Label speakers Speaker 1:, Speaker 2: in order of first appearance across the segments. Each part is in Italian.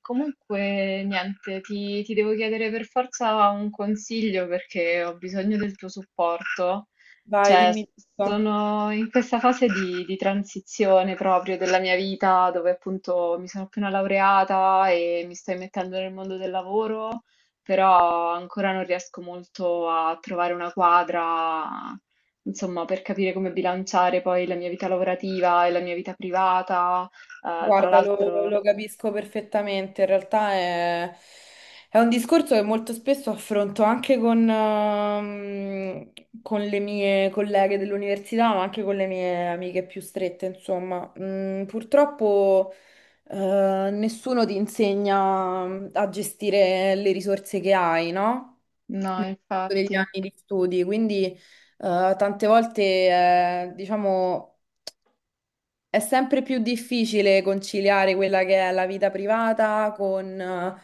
Speaker 1: Comunque, niente, ti devo chiedere per forza un consiglio perché ho bisogno del tuo supporto.
Speaker 2: Vai,
Speaker 1: Cioè,
Speaker 2: dimmi tutto.
Speaker 1: sono in questa fase di transizione proprio della mia vita, dove appunto mi sono appena laureata e mi sto immettendo nel mondo del lavoro, però ancora non riesco molto a trovare una quadra, insomma, per capire come bilanciare poi la mia vita lavorativa e la mia vita privata. Tra
Speaker 2: Guarda, lo,
Speaker 1: l'altro.
Speaker 2: lo capisco perfettamente. In realtà è un discorso che molto spesso affronto anche con con le mie colleghe dell'università, ma anche con le mie amiche più strette, insomma. Mm, purtroppo, nessuno ti insegna a gestire le risorse che hai, no?
Speaker 1: No,
Speaker 2: Nel corso degli
Speaker 1: infatti.
Speaker 2: anni di studi, quindi, tante volte, diciamo. È sempre più difficile conciliare quella che è la vita privata con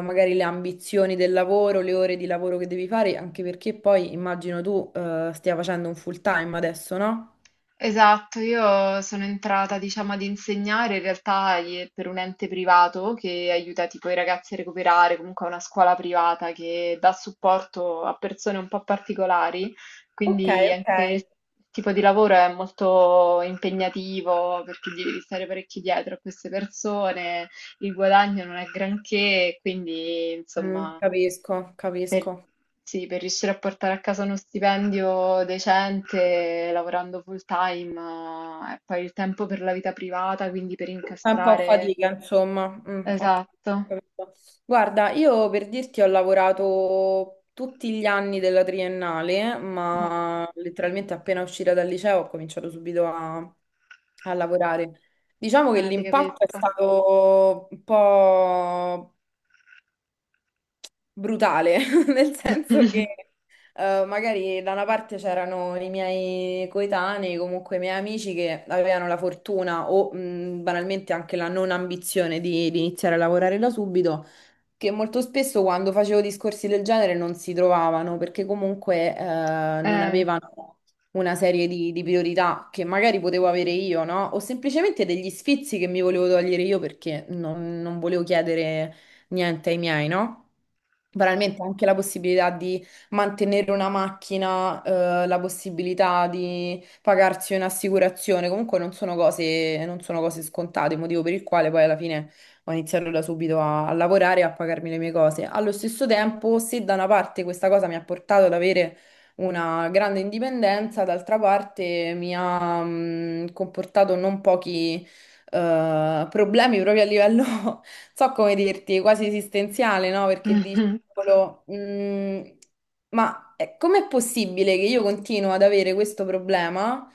Speaker 2: magari le ambizioni del lavoro, le ore di lavoro che devi fare, anche perché poi immagino tu stia facendo un full time adesso, no?
Speaker 1: Esatto, io sono entrata, diciamo, ad insegnare in realtà per un ente privato che aiuta tipo i ragazzi a recuperare, comunque è una scuola privata che dà supporto a persone un po' particolari,
Speaker 2: Ok,
Speaker 1: quindi
Speaker 2: ok.
Speaker 1: anche il tipo di lavoro è molto impegnativo perché gli devi stare parecchio dietro a queste persone, il guadagno non è granché, quindi
Speaker 2: Mm,
Speaker 1: insomma.
Speaker 2: capisco,
Speaker 1: Per,
Speaker 2: capisco.
Speaker 1: sì, per riuscire a portare a casa uno stipendio decente, lavorando full time, e poi il tempo per la vita privata, quindi per
Speaker 2: È un po' a
Speaker 1: incastrare.
Speaker 2: fatica, insomma. Mm, ho
Speaker 1: Esatto.
Speaker 2: capito. Guarda, io per dirti ho lavorato tutti gli anni della triennale,
Speaker 1: Wow,
Speaker 2: ma letteralmente appena uscita dal liceo ho cominciato subito a lavorare. Diciamo che
Speaker 1: ti
Speaker 2: l'impatto è
Speaker 1: capisco.
Speaker 2: stato un po' brutale, nel senso che magari da una parte c'erano i miei coetanei, comunque i miei amici che avevano la fortuna o banalmente anche la non ambizione di iniziare a lavorare da subito, che molto spesso quando facevo discorsi del genere non si trovavano perché comunque non
Speaker 1: Eh.
Speaker 2: avevano una serie di priorità che magari potevo avere io, no? O semplicemente degli sfizi che mi volevo togliere io perché non volevo chiedere niente ai miei, no? Veramente anche la possibilità di mantenere una macchina, la possibilità di pagarsi un'assicurazione, comunque non sono cose scontate, motivo per il quale poi alla fine ho iniziato da subito a lavorare e a pagarmi le mie cose. Allo stesso tempo, se da una parte questa cosa mi ha portato ad avere una grande indipendenza, d'altra parte mi ha, mm, comportato non pochi problemi proprio a livello, non so come dirti, quasi esistenziale, no? Perché dici, "Cavolo, mm, ma com'è possibile che io continuo ad avere questo problema?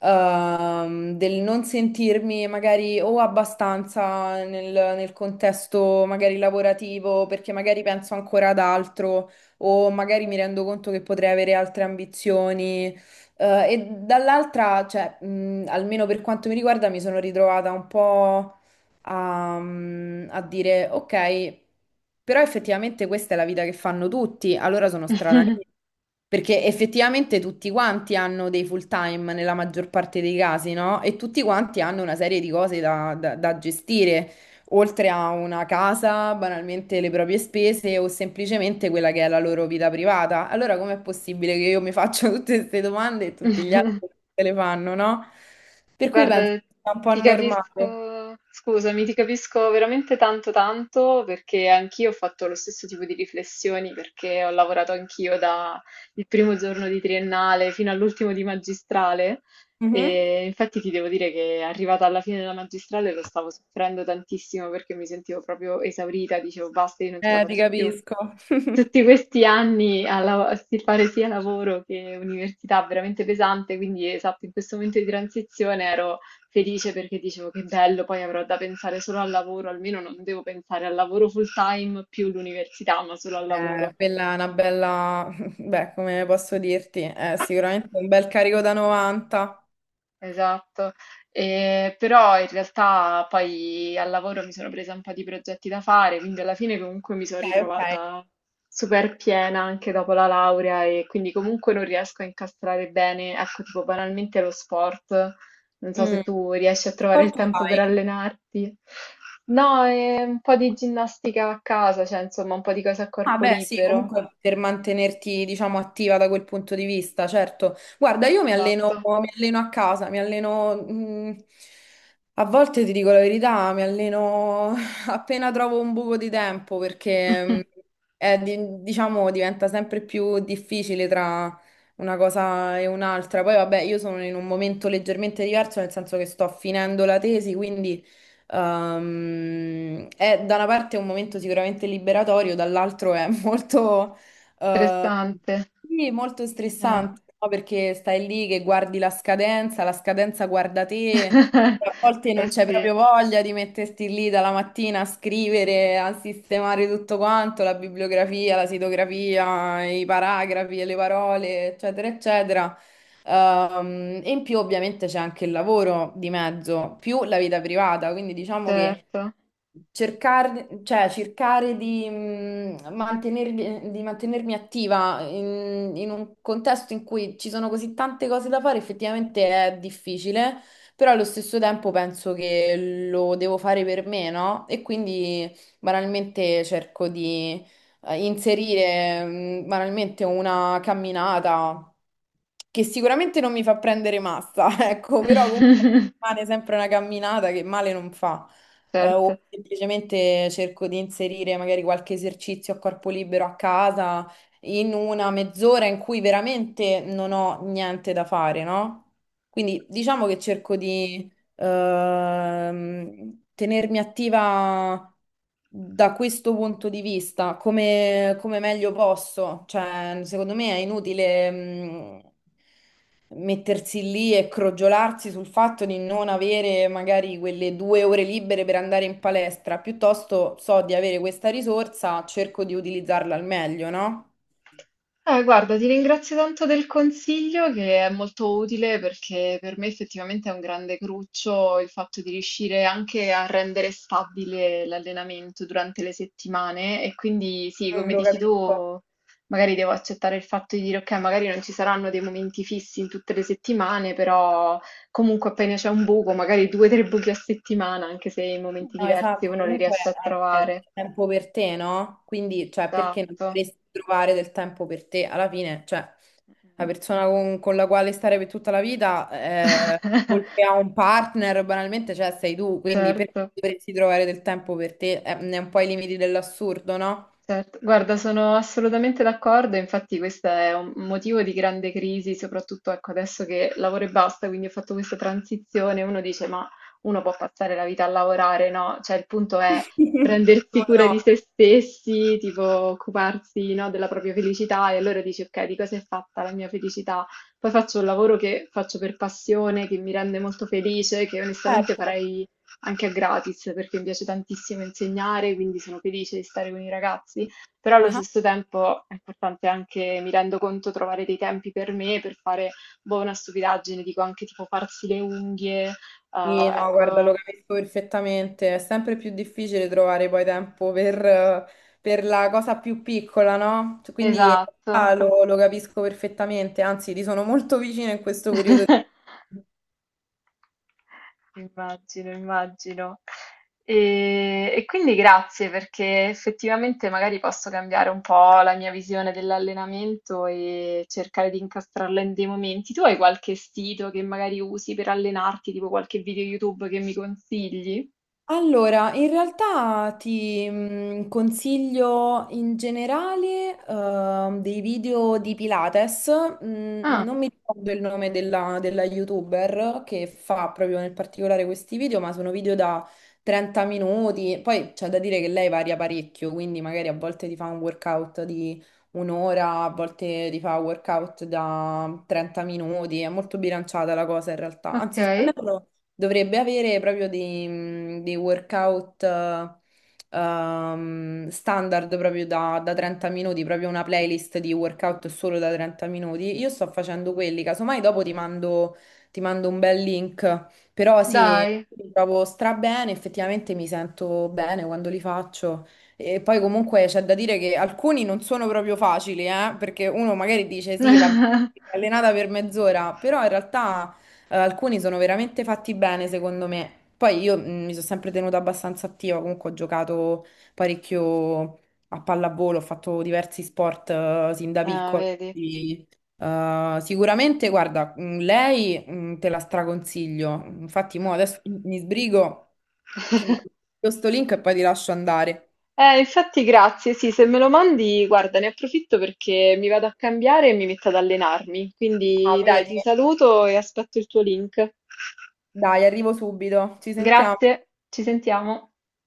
Speaker 2: Ehm, del non sentirmi magari o abbastanza nel contesto magari lavorativo, perché magari penso ancora ad altro, o magari mi rendo conto che potrei avere altre ambizioni. E dall'altra, cioè, almeno per quanto mi riguarda, mi sono ritrovata un po' a dire, ok, però effettivamente questa è la vita che fanno tutti, allora sono strana io. Perché effettivamente tutti quanti hanno dei full time nella maggior parte dei casi, no? E tutti quanti hanno una serie di cose da gestire oltre a una casa, banalmente le proprie spese o semplicemente quella che è la loro vita privata. Allora com'è possibile che io mi faccia tutte queste domande e tutti gli altri se le fanno, no? Per cui penso
Speaker 1: Guarda,
Speaker 2: che sia un po'
Speaker 1: ti
Speaker 2: normale.
Speaker 1: capisco, scusami, ti capisco veramente tanto tanto perché anch'io ho fatto lo stesso tipo di riflessioni perché ho lavorato anch'io dal primo giorno di triennale fino all'ultimo di magistrale
Speaker 2: Mhm.
Speaker 1: e infatti ti devo dire che arrivata alla fine della magistrale lo stavo soffrendo tantissimo perché mi sentivo proprio esaurita, dicevo basta, io non ce la
Speaker 2: Ti
Speaker 1: faccio più.
Speaker 2: capisco.
Speaker 1: Tutti questi anni a fare sia lavoro che università veramente pesante, quindi esatto, in questo momento di transizione ero felice perché dicevo che bello, poi avrò da pensare solo al lavoro, almeno non devo pensare al lavoro full time più l'università, ma solo al lavoro.
Speaker 2: Quella è una bella, beh, come posso dirti, è sicuramente un bel carico da 90.
Speaker 1: Esatto. Però in realtà poi al lavoro mi sono presa un po' di progetti da fare, quindi alla fine comunque mi sono
Speaker 2: Ok, ok.
Speaker 1: ritrovata super piena anche dopo la laurea e quindi comunque non riesco a incastrare bene, ecco, tipo banalmente lo sport, non so se
Speaker 2: Mm.
Speaker 1: tu riesci a trovare il
Speaker 2: Sport
Speaker 1: tempo per
Speaker 2: fai?
Speaker 1: allenarti. No, e un po' di ginnastica a casa, cioè insomma un po' di cose a
Speaker 2: Ah,
Speaker 1: corpo
Speaker 2: beh, sì,
Speaker 1: libero.
Speaker 2: comunque per mantenerti, diciamo, attiva da quel punto di vista, certo. Guarda, io
Speaker 1: Esatto,
Speaker 2: mi alleno a casa, mi alleno, a volte ti dico la verità, mi alleno appena trovo un buco di tempo perché, è diciamo, diventa sempre più difficile tra una cosa e un'altra. Poi, vabbè, io sono in un momento leggermente diverso, nel senso che sto finendo la tesi, quindi... è da una parte un momento sicuramente liberatorio, dall'altro è molto, eh,
Speaker 1: interessante.
Speaker 2: sì, molto
Speaker 1: Eh.
Speaker 2: stressante, no? Perché stai lì che guardi la scadenza guarda te, a volte non
Speaker 1: Eh
Speaker 2: c'è
Speaker 1: sì.
Speaker 2: proprio voglia di metterti lì dalla mattina a scrivere, a sistemare tutto quanto, la bibliografia, la sitografia, i paragrafi, le parole, eccetera, eccetera. E in più ovviamente c'è anche il lavoro di mezzo, più la vita privata, quindi diciamo che
Speaker 1: Certo,
Speaker 2: cercare, cioè, cercare mantenermi, di mantenermi attiva in un contesto in cui ci sono così tante cose da fare, effettivamente è difficile, però allo stesso tempo penso che lo devo fare per me, no? E quindi banalmente cerco di inserire banalmente una camminata che sicuramente non mi fa prendere massa, ecco, però comunque rimane sempre una camminata che male non fa o
Speaker 1: certo.
Speaker 2: semplicemente cerco di inserire magari qualche esercizio a corpo libero a casa in una mezz'ora in cui veramente non ho niente da fare, no? Quindi diciamo che cerco di tenermi attiva da questo punto di vista, come meglio posso. Cioè, secondo me è inutile, mettersi lì e crogiolarsi sul fatto di non avere magari quelle due ore libere per andare in palestra. Piuttosto so di avere questa risorsa, cerco di utilizzarla al meglio, no?
Speaker 1: Guarda, ti ringrazio tanto del consiglio che è molto utile perché per me effettivamente è un grande cruccio il fatto di riuscire anche a rendere stabile l'allenamento durante le settimane e quindi sì,
Speaker 2: Mm,
Speaker 1: come
Speaker 2: lo
Speaker 1: dici
Speaker 2: capisco.
Speaker 1: tu, magari devo accettare il fatto di dire ok, magari non ci saranno dei momenti fissi in tutte le settimane, però comunque appena c'è un buco, magari due o tre buchi a settimana, anche se in momenti
Speaker 2: No,
Speaker 1: diversi
Speaker 2: esatto,
Speaker 1: uno li
Speaker 2: comunque
Speaker 1: riesce a
Speaker 2: è
Speaker 1: trovare.
Speaker 2: tempo per te, no? Quindi, cioè, perché non
Speaker 1: Esatto.
Speaker 2: dovresti trovare del tempo per te? Alla fine, cioè, la
Speaker 1: Mh-mh.
Speaker 2: persona con la quale stare per tutta la vita, oltre a un partner, banalmente, cioè, sei tu, quindi perché
Speaker 1: Certo,
Speaker 2: dovresti trovare del tempo per te? Ne è un po' i limiti dell'assurdo, no?
Speaker 1: certo. Guarda, sono assolutamente d'accordo, infatti questo è un motivo di grande crisi, soprattutto ecco, adesso che lavoro e basta, quindi ho fatto questa transizione, uno dice, ma uno può passare la vita a lavorare, no? Cioè il punto è
Speaker 2: Sì,
Speaker 1: prendersi
Speaker 2: come
Speaker 1: cura
Speaker 2: no,
Speaker 1: di se stessi, tipo occuparsi, no, della propria felicità e allora dici, ok, di cosa è fatta la mia felicità? Poi faccio un lavoro che faccio per passione, che mi rende molto felice, che onestamente
Speaker 2: certo.
Speaker 1: farei anche a gratis, perché mi piace tantissimo insegnare, quindi sono felice di stare con i ragazzi, però allo
Speaker 2: Ah.
Speaker 1: stesso tempo è importante anche, mi rendo conto, trovare dei tempi per me, per fare boh, una stupidaggine, dico anche tipo farsi le unghie,
Speaker 2: Sì, no, guarda, lo
Speaker 1: ecco,
Speaker 2: capisco perfettamente. È sempre più difficile trovare poi tempo per la cosa più piccola, no? Cioè, quindi in
Speaker 1: esatto.
Speaker 2: realtà lo capisco perfettamente, anzi, ti sono molto vicina in questo periodo.
Speaker 1: Immagino, immagino. E quindi grazie perché effettivamente magari posso cambiare un po' la mia visione dell'allenamento e cercare di incastrarla in dei momenti. Tu hai qualche sito che magari usi per allenarti, tipo qualche video YouTube che mi consigli?
Speaker 2: Allora, in realtà ti consiglio in generale dei video di Pilates.
Speaker 1: Ah,
Speaker 2: Non mi ricordo il nome della, della YouTuber che fa proprio nel particolare questi video, ma sono video da 30 minuti. Poi c'è da dire che lei varia parecchio, quindi magari a volte ti fa un workout di un'ora, a volte ti fa un workout da 30 minuti. È molto bilanciata la cosa in realtà. Anzi, se non
Speaker 1: ok,
Speaker 2: erro. Dovrebbe avere proprio dei, mhmm, dei workout standard proprio da 30 minuti, proprio una playlist di workout solo da 30 minuti. Io sto facendo quelli, casomai dopo ti mando un bel link, però sì,
Speaker 1: dai.
Speaker 2: mi trovo stra bene, effettivamente mi sento bene quando li faccio. E poi comunque c'è da dire che alcuni non sono proprio facili, perché uno magari dice sì, vabbè, allenata per mezz'ora, però in realtà... alcuni sono veramente fatti bene, secondo me. Poi io mi sono sempre tenuta abbastanza attiva, comunque ho giocato parecchio a pallavolo, ho fatto diversi sport sin da
Speaker 1: Ah,
Speaker 2: piccola.
Speaker 1: vedi.
Speaker 2: Quindi, sicuramente, guarda, lei te la straconsiglio. Infatti, mo adesso mi sbrigo, ti mando questo link e poi ti lascio andare.
Speaker 1: Infatti grazie, sì, se me lo mandi, guarda, ne approfitto perché mi vado a cambiare e mi metto ad allenarmi.
Speaker 2: Ah,
Speaker 1: Quindi dai,
Speaker 2: vedi?
Speaker 1: ti saluto e aspetto il tuo link.
Speaker 2: Dai, arrivo subito. Ci sentiamo.
Speaker 1: Grazie, ci sentiamo.